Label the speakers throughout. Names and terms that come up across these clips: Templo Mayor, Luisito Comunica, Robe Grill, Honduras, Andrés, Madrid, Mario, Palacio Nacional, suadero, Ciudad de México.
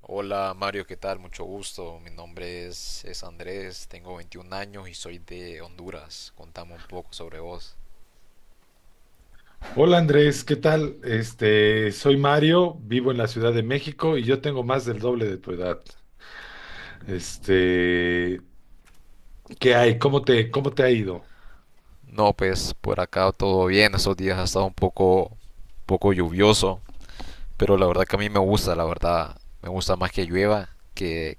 Speaker 1: Hola Mario, ¿qué tal? Mucho gusto. Mi nombre es Andrés, tengo 21 años y soy de Honduras. Contame un poco sobre vos.
Speaker 2: Hola Andrés, ¿qué tal? Soy Mario, vivo en la Ciudad de México y yo tengo más del doble de tu edad. Este, ¿qué hay? ¿Cómo te ha ido?
Speaker 1: No, pues por acá todo bien. Estos días ha estado un poco lluvioso, pero la verdad que a mí me gusta, la verdad. Me gusta más que llueva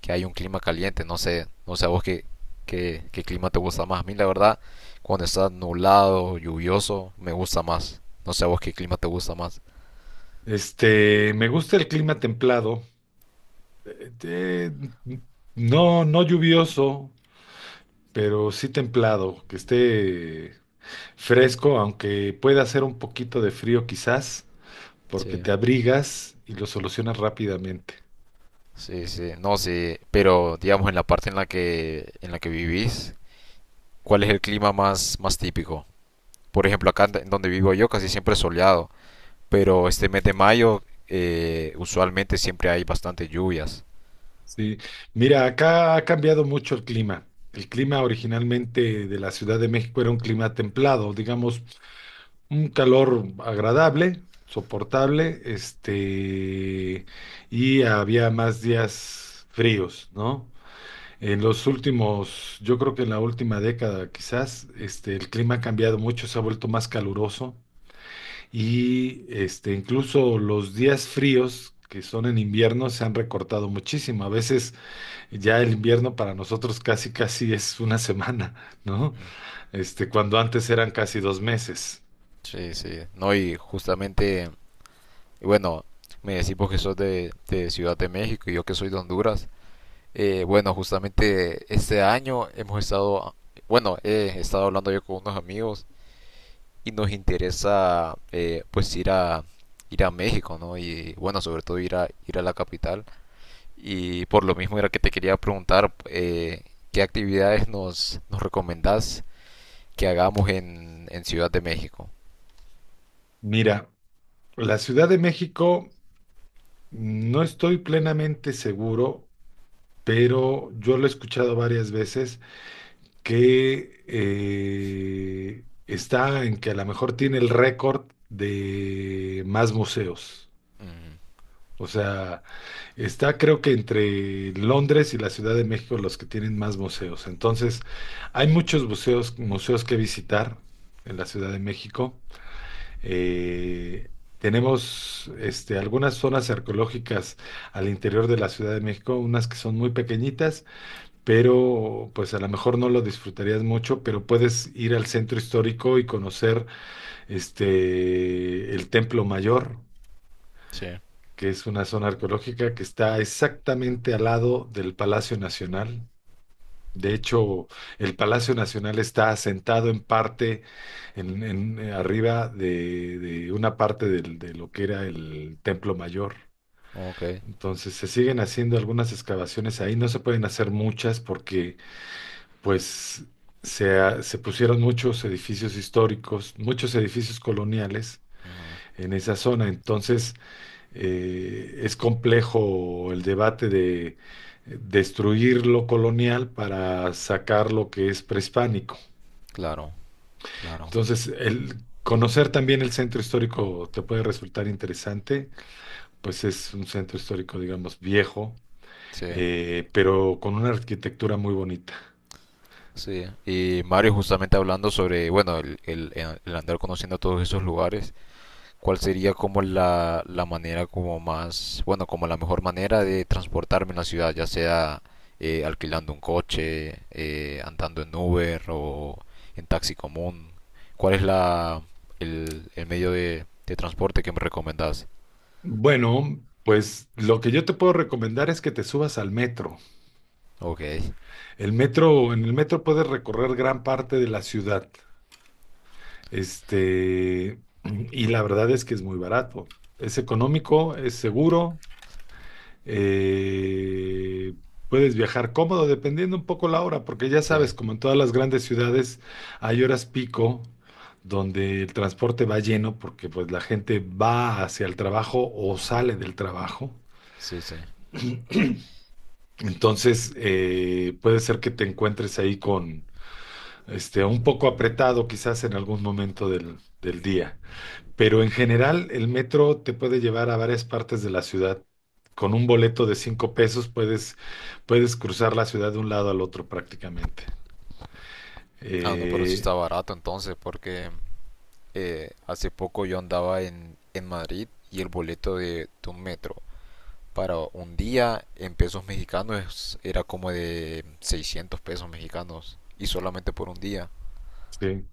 Speaker 1: que hay un clima caliente. No sé, no sé a vos qué clima te gusta más. A mí la verdad, cuando está nublado, lluvioso, me gusta más. No sé a vos qué clima te gusta más.
Speaker 2: Me gusta el clima templado, eh, eh, no, no lluvioso, pero sí templado, que esté fresco, aunque pueda hacer un poquito de frío quizás, porque
Speaker 1: Sí.
Speaker 2: te abrigas y lo solucionas rápidamente.
Speaker 1: Sí, sí, no, sí, pero digamos en la parte en la que vivís, ¿cuál es el clima más típico? Por ejemplo, acá en donde vivo yo casi siempre es soleado, pero este mes de mayo usualmente siempre hay bastantes lluvias.
Speaker 2: Sí, mira, acá ha cambiado mucho el clima. El clima originalmente de la Ciudad de México era un clima templado, digamos, un calor agradable, soportable, y había más días fríos, ¿no? En los últimos, yo creo que en la última década quizás, el clima ha cambiado mucho, se ha vuelto más caluroso y incluso los días fríos que son en invierno se han recortado muchísimo. A veces ya el invierno para nosotros casi casi es una semana, ¿no?
Speaker 1: Mm.
Speaker 2: Cuando antes eran casi 2 meses.
Speaker 1: Sí, sí, no, y justamente, bueno, me decís vos que sos de Ciudad de México y yo que soy de Honduras. Bueno, justamente este año hemos estado, bueno, he estado hablando yo con unos amigos y nos interesa pues ir a México, ¿no? Y bueno, sobre todo ir a la capital. Y por lo mismo era que te quería preguntar qué actividades nos recomendás que hagamos en Ciudad de México.
Speaker 2: Mira, la Ciudad de México, no estoy plenamente seguro, pero yo lo he escuchado varias veces que está en que a lo mejor tiene el récord de más museos.
Speaker 1: Ujú.
Speaker 2: O sea, está, creo que entre Londres y la Ciudad de México, los que tienen más museos. Entonces, hay muchos museos, museos que visitar en la Ciudad de México. Eh, tenemos algunas zonas arqueológicas al interior de la Ciudad de México, unas que son muy pequeñitas, pero pues a lo mejor no lo disfrutarías mucho, pero puedes ir al centro histórico y conocer el Templo Mayor,
Speaker 1: Sí.
Speaker 2: que es una zona arqueológica que está exactamente al lado del Palacio Nacional. De hecho, el Palacio Nacional está asentado en parte, arriba de una parte de lo que era el Templo Mayor.
Speaker 1: Ok,
Speaker 2: Entonces, se siguen haciendo algunas excavaciones ahí. No se pueden hacer muchas porque, pues, se pusieron muchos edificios históricos, muchos edificios coloniales
Speaker 1: ujú,
Speaker 2: en esa zona. Entonces, es complejo el debate de destruir lo colonial para sacar lo que es prehispánico.
Speaker 1: claro, claro,
Speaker 2: Entonces, el conocer también el centro histórico te puede resultar interesante, pues es un centro histórico, digamos, viejo,
Speaker 1: sí,
Speaker 2: pero con una arquitectura muy bonita.
Speaker 1: sí. Y Mario, justamente hablando sobre, bueno, el andar conociendo todos esos lugares, ¿cuál sería como la manera como más, bueno, como la mejor manera de transportarme en la ciudad, ya sea alquilando un coche, andando en Uber o en taxi común? ¿Cuál es el medio de transporte que me recomendás?
Speaker 2: Bueno, pues lo que yo te puedo recomendar es que te subas al metro.
Speaker 1: Ok,
Speaker 2: El metro, en el metro puedes recorrer gran parte de la ciudad. Este, y la verdad es que es muy barato. Es económico, es seguro. eh, Puedes viajar cómodo dependiendo un poco la hora, porque ya
Speaker 1: sí,
Speaker 2: sabes, como en todas las grandes ciudades, hay horas pico donde el transporte va lleno porque pues la gente va hacia el trabajo o sale del trabajo.
Speaker 1: sí, sí.
Speaker 2: Entonces, puede ser que te encuentres ahí con este un poco apretado quizás en algún momento del día. Pero en general, el metro te puede llevar a varias partes de la ciudad. Con un boleto de 5 pesos puedes cruzar la ciudad de un lado al otro prácticamente.
Speaker 1: Ah, no, pero sí está
Speaker 2: Eh,
Speaker 1: barato entonces, porque hace poco yo andaba en Madrid y el boleto de un metro para un día en pesos mexicanos era como de 600 pesos mexicanos y solamente por un día.
Speaker 2: sí,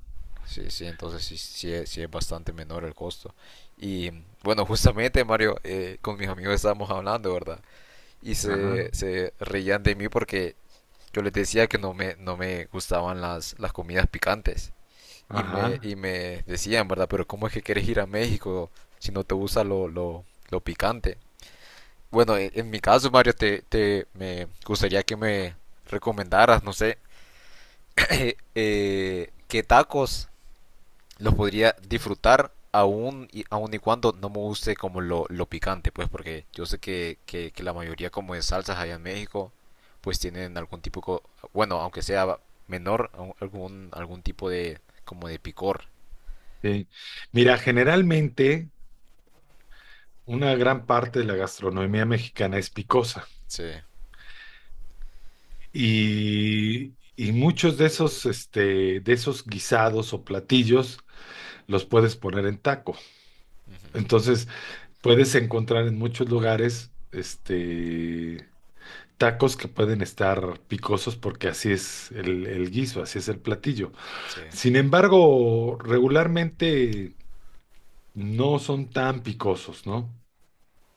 Speaker 1: Sí, sí, entonces sí, sí, sí es bastante menor el costo. Y bueno, justamente Mario, con mis amigos estábamos hablando, ¿verdad? Y
Speaker 2: ajá,
Speaker 1: se reían de mí porque yo les decía que no me gustaban las comidas picantes. Y
Speaker 2: ajá.
Speaker 1: me decían, ¿verdad? Pero ¿cómo es que quieres ir a México si no te gusta lo picante? Bueno, en mi caso, Mario, te me gustaría que me recomendaras, no sé, qué tacos los podría disfrutar aún y cuando no me guste como lo picante, pues porque yo sé que la mayoría como de salsas allá en México pues tienen algún tipo, bueno, aunque sea menor, algún tipo de como de picor.
Speaker 2: Sí. Mira, generalmente una gran parte de la gastronomía mexicana es picosa,
Speaker 1: Sí,
Speaker 2: y muchos de esos, de esos guisados o platillos los puedes poner en taco. Entonces, puedes encontrar en muchos lugares, tacos que pueden estar picosos porque así es el guiso, así es el platillo.
Speaker 1: sí,
Speaker 2: Sin embargo, regularmente no son tan picosos, ¿no?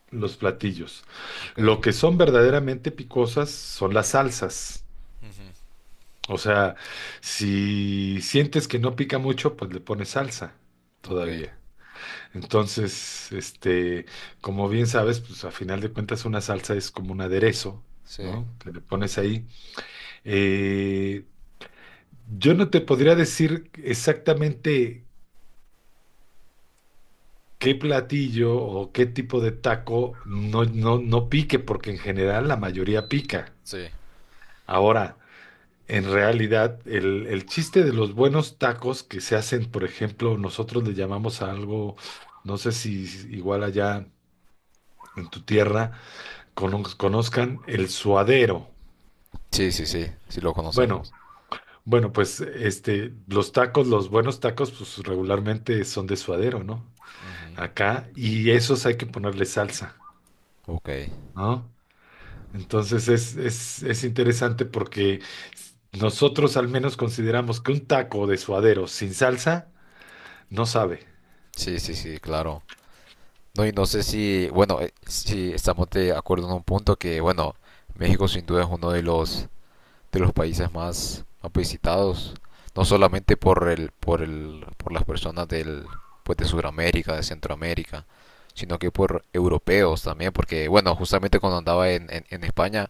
Speaker 2: Los platillos.
Speaker 1: ok.
Speaker 2: Lo que son verdaderamente picosas son las salsas.
Speaker 1: Ujú,
Speaker 2: O sea, si sientes que no pica mucho, pues le pones salsa
Speaker 1: ok,
Speaker 2: todavía. Entonces, como bien sabes, pues a final de cuentas una salsa es como un aderezo,
Speaker 1: sí,
Speaker 2: ¿no? Que le pones ahí. Eh, yo no te podría decir exactamente qué platillo o qué tipo de taco no, no, no pique, porque en general la mayoría pica.
Speaker 1: sí.
Speaker 2: Ahora, en realidad, el chiste de los buenos tacos que se hacen, por ejemplo, nosotros le llamamos a algo, no sé si igual allá en tu tierra conozcan el suadero.
Speaker 1: Sí, sí, sí, sí lo conocemos.
Speaker 2: Bueno, bueno, pues los tacos, los buenos tacos, pues regularmente son de suadero, ¿no? Acá, y esos hay que ponerle salsa,
Speaker 1: Ok,
Speaker 2: ¿no? Entonces es interesante porque nosotros al menos consideramos que un taco de suadero sin salsa no sabe.
Speaker 1: sí, sí, sí, claro. No, y no sé si, bueno, si estamos de acuerdo en un punto que, bueno, México sin duda es uno de los países más, más visitados, no solamente por el por el por las personas del pues de Sudamérica, de Centroamérica, sino que por europeos también, porque bueno, justamente cuando andaba en España.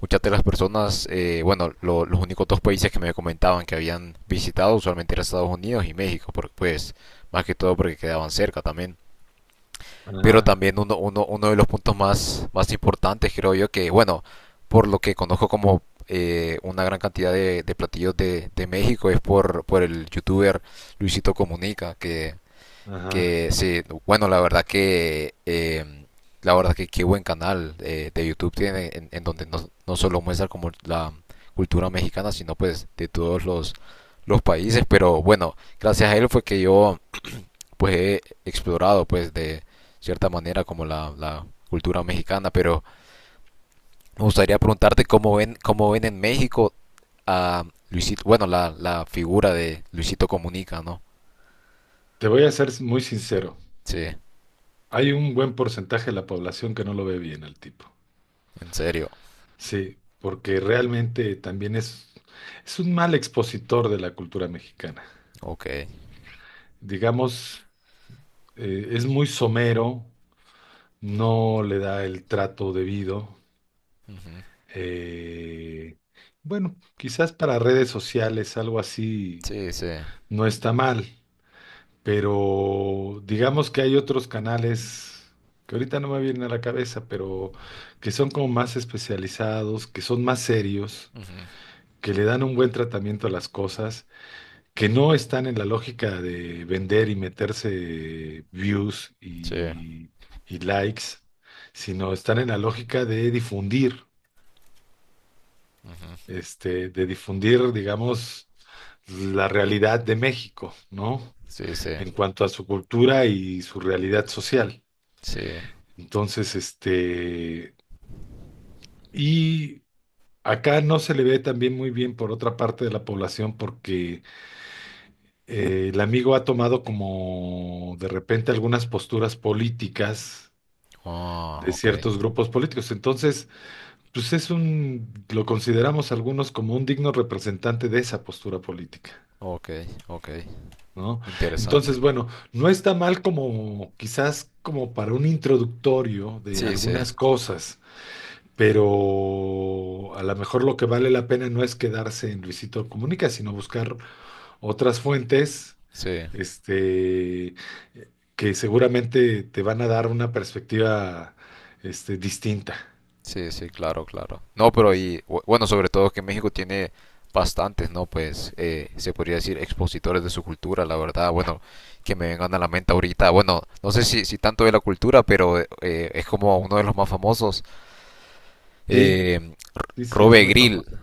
Speaker 1: Muchas de las personas, bueno, los únicos dos países que me comentaban que habían visitado usualmente eran Estados Unidos y México, porque, pues más que todo porque quedaban cerca también. Pero
Speaker 2: Ajá,
Speaker 1: también uno de los puntos más, más importantes, creo yo, que bueno, por lo que conozco como una gran cantidad de platillos de México es por el youtuber Luisito Comunica, que
Speaker 2: ajá.
Speaker 1: que sí, bueno, la verdad que qué buen canal de YouTube tiene en donde no solo muestra como la cultura mexicana, sino pues de todos los países. Pero bueno, gracias a él fue que yo pues he explorado pues de cierta manera como la cultura mexicana. Pero me gustaría preguntarte cómo ven en México a Luisito, bueno, la figura de Luisito Comunica, ¿no?
Speaker 2: Te voy a ser muy sincero.
Speaker 1: Sí,
Speaker 2: Hay un buen porcentaje de la población que no lo ve bien al tipo.
Speaker 1: ¿en serio?
Speaker 2: Sí, porque realmente también es un mal expositor de la cultura mexicana.
Speaker 1: Ok.
Speaker 2: Digamos, es muy somero, no le da el trato debido.
Speaker 1: Ujú.
Speaker 2: Eh, bueno, quizás para redes sociales algo así
Speaker 1: Sí, sí.
Speaker 2: no está mal, pero digamos que hay otros canales que ahorita no me vienen a la cabeza, pero que son como más especializados, que son más serios,
Speaker 1: Ujú.
Speaker 2: que le dan un buen tratamiento a las cosas, que no están en la lógica de vender y meterse views
Speaker 1: Sí,
Speaker 2: y likes, sino están en la lógica de difundir, digamos, la realidad de México, ¿no?
Speaker 1: sí, sí,
Speaker 2: En cuanto a su cultura y su realidad social.
Speaker 1: sí.
Speaker 2: Entonces, y acá no se le ve también muy bien por otra parte de la población porque el amigo ha tomado como de repente algunas posturas políticas
Speaker 1: Ah,
Speaker 2: de
Speaker 1: ok,
Speaker 2: ciertos grupos políticos. Entonces, pues lo consideramos algunos como un digno representante de esa postura política,
Speaker 1: ok, ok.
Speaker 2: ¿no?
Speaker 1: Interesante.
Speaker 2: Entonces, bueno, no está mal como quizás como para un introductorio de
Speaker 1: Sí, sí,
Speaker 2: algunas cosas. Pero a lo mejor lo que vale la pena no es quedarse en Luisito Comunica, sino buscar otras fuentes,
Speaker 1: sí,
Speaker 2: este, que seguramente te van a dar una perspectiva, distinta.
Speaker 1: sí, sí, claro, claro. No, pero
Speaker 2: Sí, sí,
Speaker 1: y bueno, sobre todo que México tiene bastantes, ¿no? Pues se podría decir expositores de su cultura, la verdad. Bueno, que me vengan a la mente ahorita. Bueno, no sé si, si tanto de la cultura, pero es como uno de los más famosos.
Speaker 2: sí,
Speaker 1: Eh,
Speaker 2: sí, sí, es
Speaker 1: Robe
Speaker 2: muy
Speaker 1: Grill,
Speaker 2: famoso.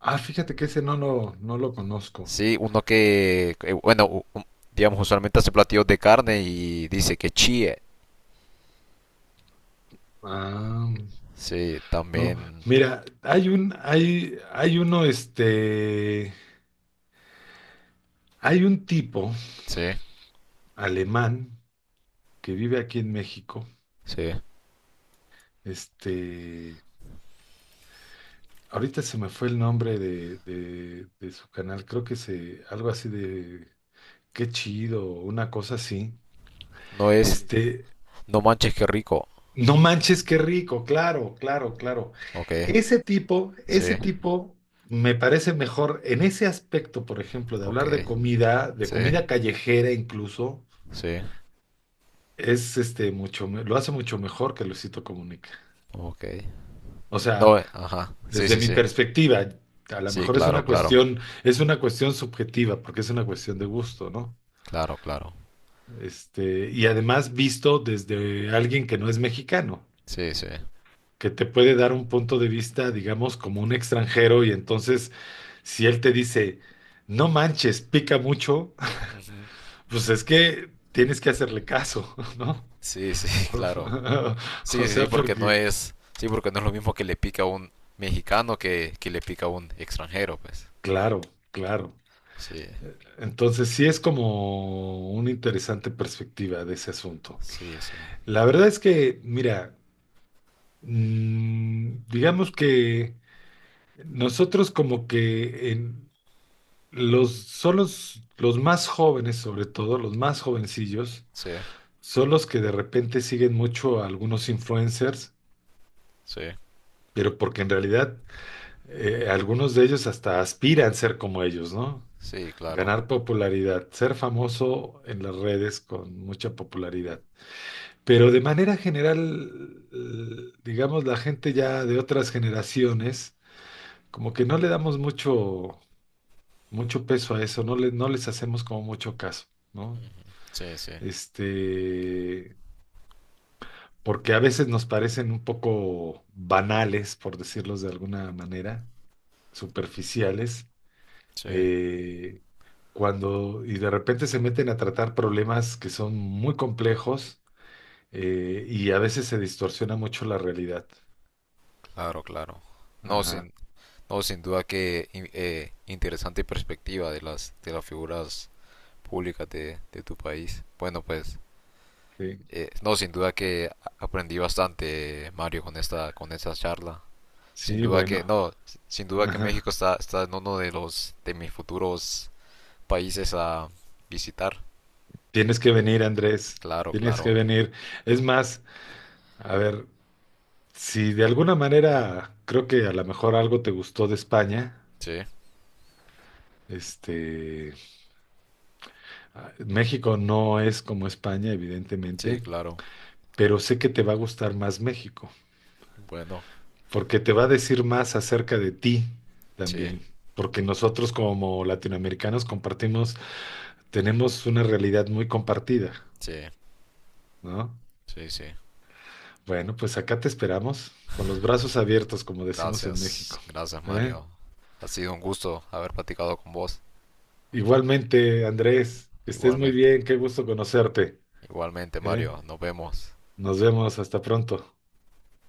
Speaker 2: Ah, fíjate que ese no lo conozco.
Speaker 1: sí, uno que, bueno, digamos, usualmente hace platillos de carne y dice que chíe.
Speaker 2: Ah,
Speaker 1: Sí,
Speaker 2: no.
Speaker 1: también,
Speaker 2: Mira, hay un, hay uno, este, hay un tipo
Speaker 1: sí,
Speaker 2: alemán que vive aquí en México.
Speaker 1: sí.
Speaker 2: Este, ahorita se me fue el nombre de su canal, creo que algo así de Qué chido, una cosa así.
Speaker 1: No es,
Speaker 2: Este,
Speaker 1: no manches, qué rico.
Speaker 2: no manches, qué rico, claro, claro, claro.
Speaker 1: Ok,
Speaker 2: Ese tipo,
Speaker 1: sí,
Speaker 2: ese tipo me parece mejor en ese aspecto, por ejemplo, de
Speaker 1: ok,
Speaker 2: hablar de
Speaker 1: sí,
Speaker 2: comida callejera incluso,
Speaker 1: sí,
Speaker 2: es este mucho, me- lo hace mucho mejor que Luisito Comunica.
Speaker 1: ok.
Speaker 2: O sea,
Speaker 1: No, ajá, sí,
Speaker 2: desde
Speaker 1: sí,
Speaker 2: mi
Speaker 1: sí.
Speaker 2: perspectiva, a lo
Speaker 1: Sí,
Speaker 2: mejor es
Speaker 1: claro,
Speaker 2: una
Speaker 1: claro,
Speaker 2: cuestión, es una cuestión subjetiva, porque es una cuestión de gusto, ¿no?
Speaker 1: claro, claro.
Speaker 2: Y además, visto desde alguien que no es mexicano,
Speaker 1: Sí, sí.
Speaker 2: que te puede dar un punto de vista, digamos, como un extranjero. Y entonces, si él te dice, no manches, pica mucho,
Speaker 1: Ujú.
Speaker 2: pues es que tienes que hacerle caso, ¿no?
Speaker 1: Sí, sí, claro. Sí,
Speaker 2: O
Speaker 1: sí,
Speaker 2: sea,
Speaker 1: sí, porque no
Speaker 2: porque,
Speaker 1: es, sí, porque no es lo mismo que le pica a un mexicano que le pica a un extranjero, pues.
Speaker 2: claro, claro.
Speaker 1: Sí,
Speaker 2: Entonces, sí es como una interesante perspectiva de ese asunto.
Speaker 1: sí, sí,
Speaker 2: La verdad es que, mira, digamos que nosotros como que son los más jóvenes, sobre todo, los más jovencillos,
Speaker 1: sí.
Speaker 2: son los que de repente siguen mucho a algunos influencers,
Speaker 1: Sí,
Speaker 2: pero porque en realidad algunos de ellos hasta aspiran ser como ellos, ¿no?
Speaker 1: sí, claro.
Speaker 2: Ganar popularidad, ser famoso en las redes con mucha popularidad. Pero de manera general, digamos, la gente ya de otras generaciones, como que no le damos mucho, mucho peso a eso, no les hacemos como mucho caso, ¿no?
Speaker 1: Sí, sí,
Speaker 2: este, porque a veces nos parecen un poco banales, por decirlos de alguna manera, superficiales.
Speaker 1: sí,
Speaker 2: Eh, cuando y de repente se meten a tratar problemas que son muy complejos, y a veces se distorsiona mucho la realidad.
Speaker 1: claro, claro. No,
Speaker 2: Ajá,
Speaker 1: sin, no, sin duda que interesante perspectiva de de las figuras públicas de tu país. Bueno, pues,
Speaker 2: sí,
Speaker 1: no, sin duda que aprendí bastante, Mario, con con esta charla. Sin
Speaker 2: sí,
Speaker 1: duda que,
Speaker 2: bueno,
Speaker 1: no, sin duda que
Speaker 2: ajá.
Speaker 1: México está, está en uno de de mis futuros países a visitar.
Speaker 2: Tienes que venir, Andrés,
Speaker 1: Claro,
Speaker 2: tienes que
Speaker 1: claro.
Speaker 2: venir. Es más, a ver, si de alguna manera creo que a lo mejor algo te gustó de España.
Speaker 1: Sí,
Speaker 2: Este, México no es como España,
Speaker 1: sí,
Speaker 2: evidentemente,
Speaker 1: claro.
Speaker 2: pero sé que te va a gustar más México,
Speaker 1: Bueno,
Speaker 2: porque te va a decir más acerca de ti
Speaker 1: sí,
Speaker 2: también, porque nosotros, como latinoamericanos, compartimos, tenemos una realidad muy compartida,
Speaker 1: sí,
Speaker 2: ¿no?
Speaker 1: sí, sí.
Speaker 2: Bueno, pues acá te esperamos con los brazos abiertos, como decimos en México,
Speaker 1: Gracias, gracias
Speaker 2: ¿eh?
Speaker 1: Mario. Ha sido un gusto haber platicado con vos.
Speaker 2: Igualmente, Andrés, que estés muy
Speaker 1: Igualmente,
Speaker 2: bien, qué gusto conocerte,
Speaker 1: igualmente
Speaker 2: ¿eh?
Speaker 1: Mario, nos vemos.
Speaker 2: Nos vemos, hasta pronto.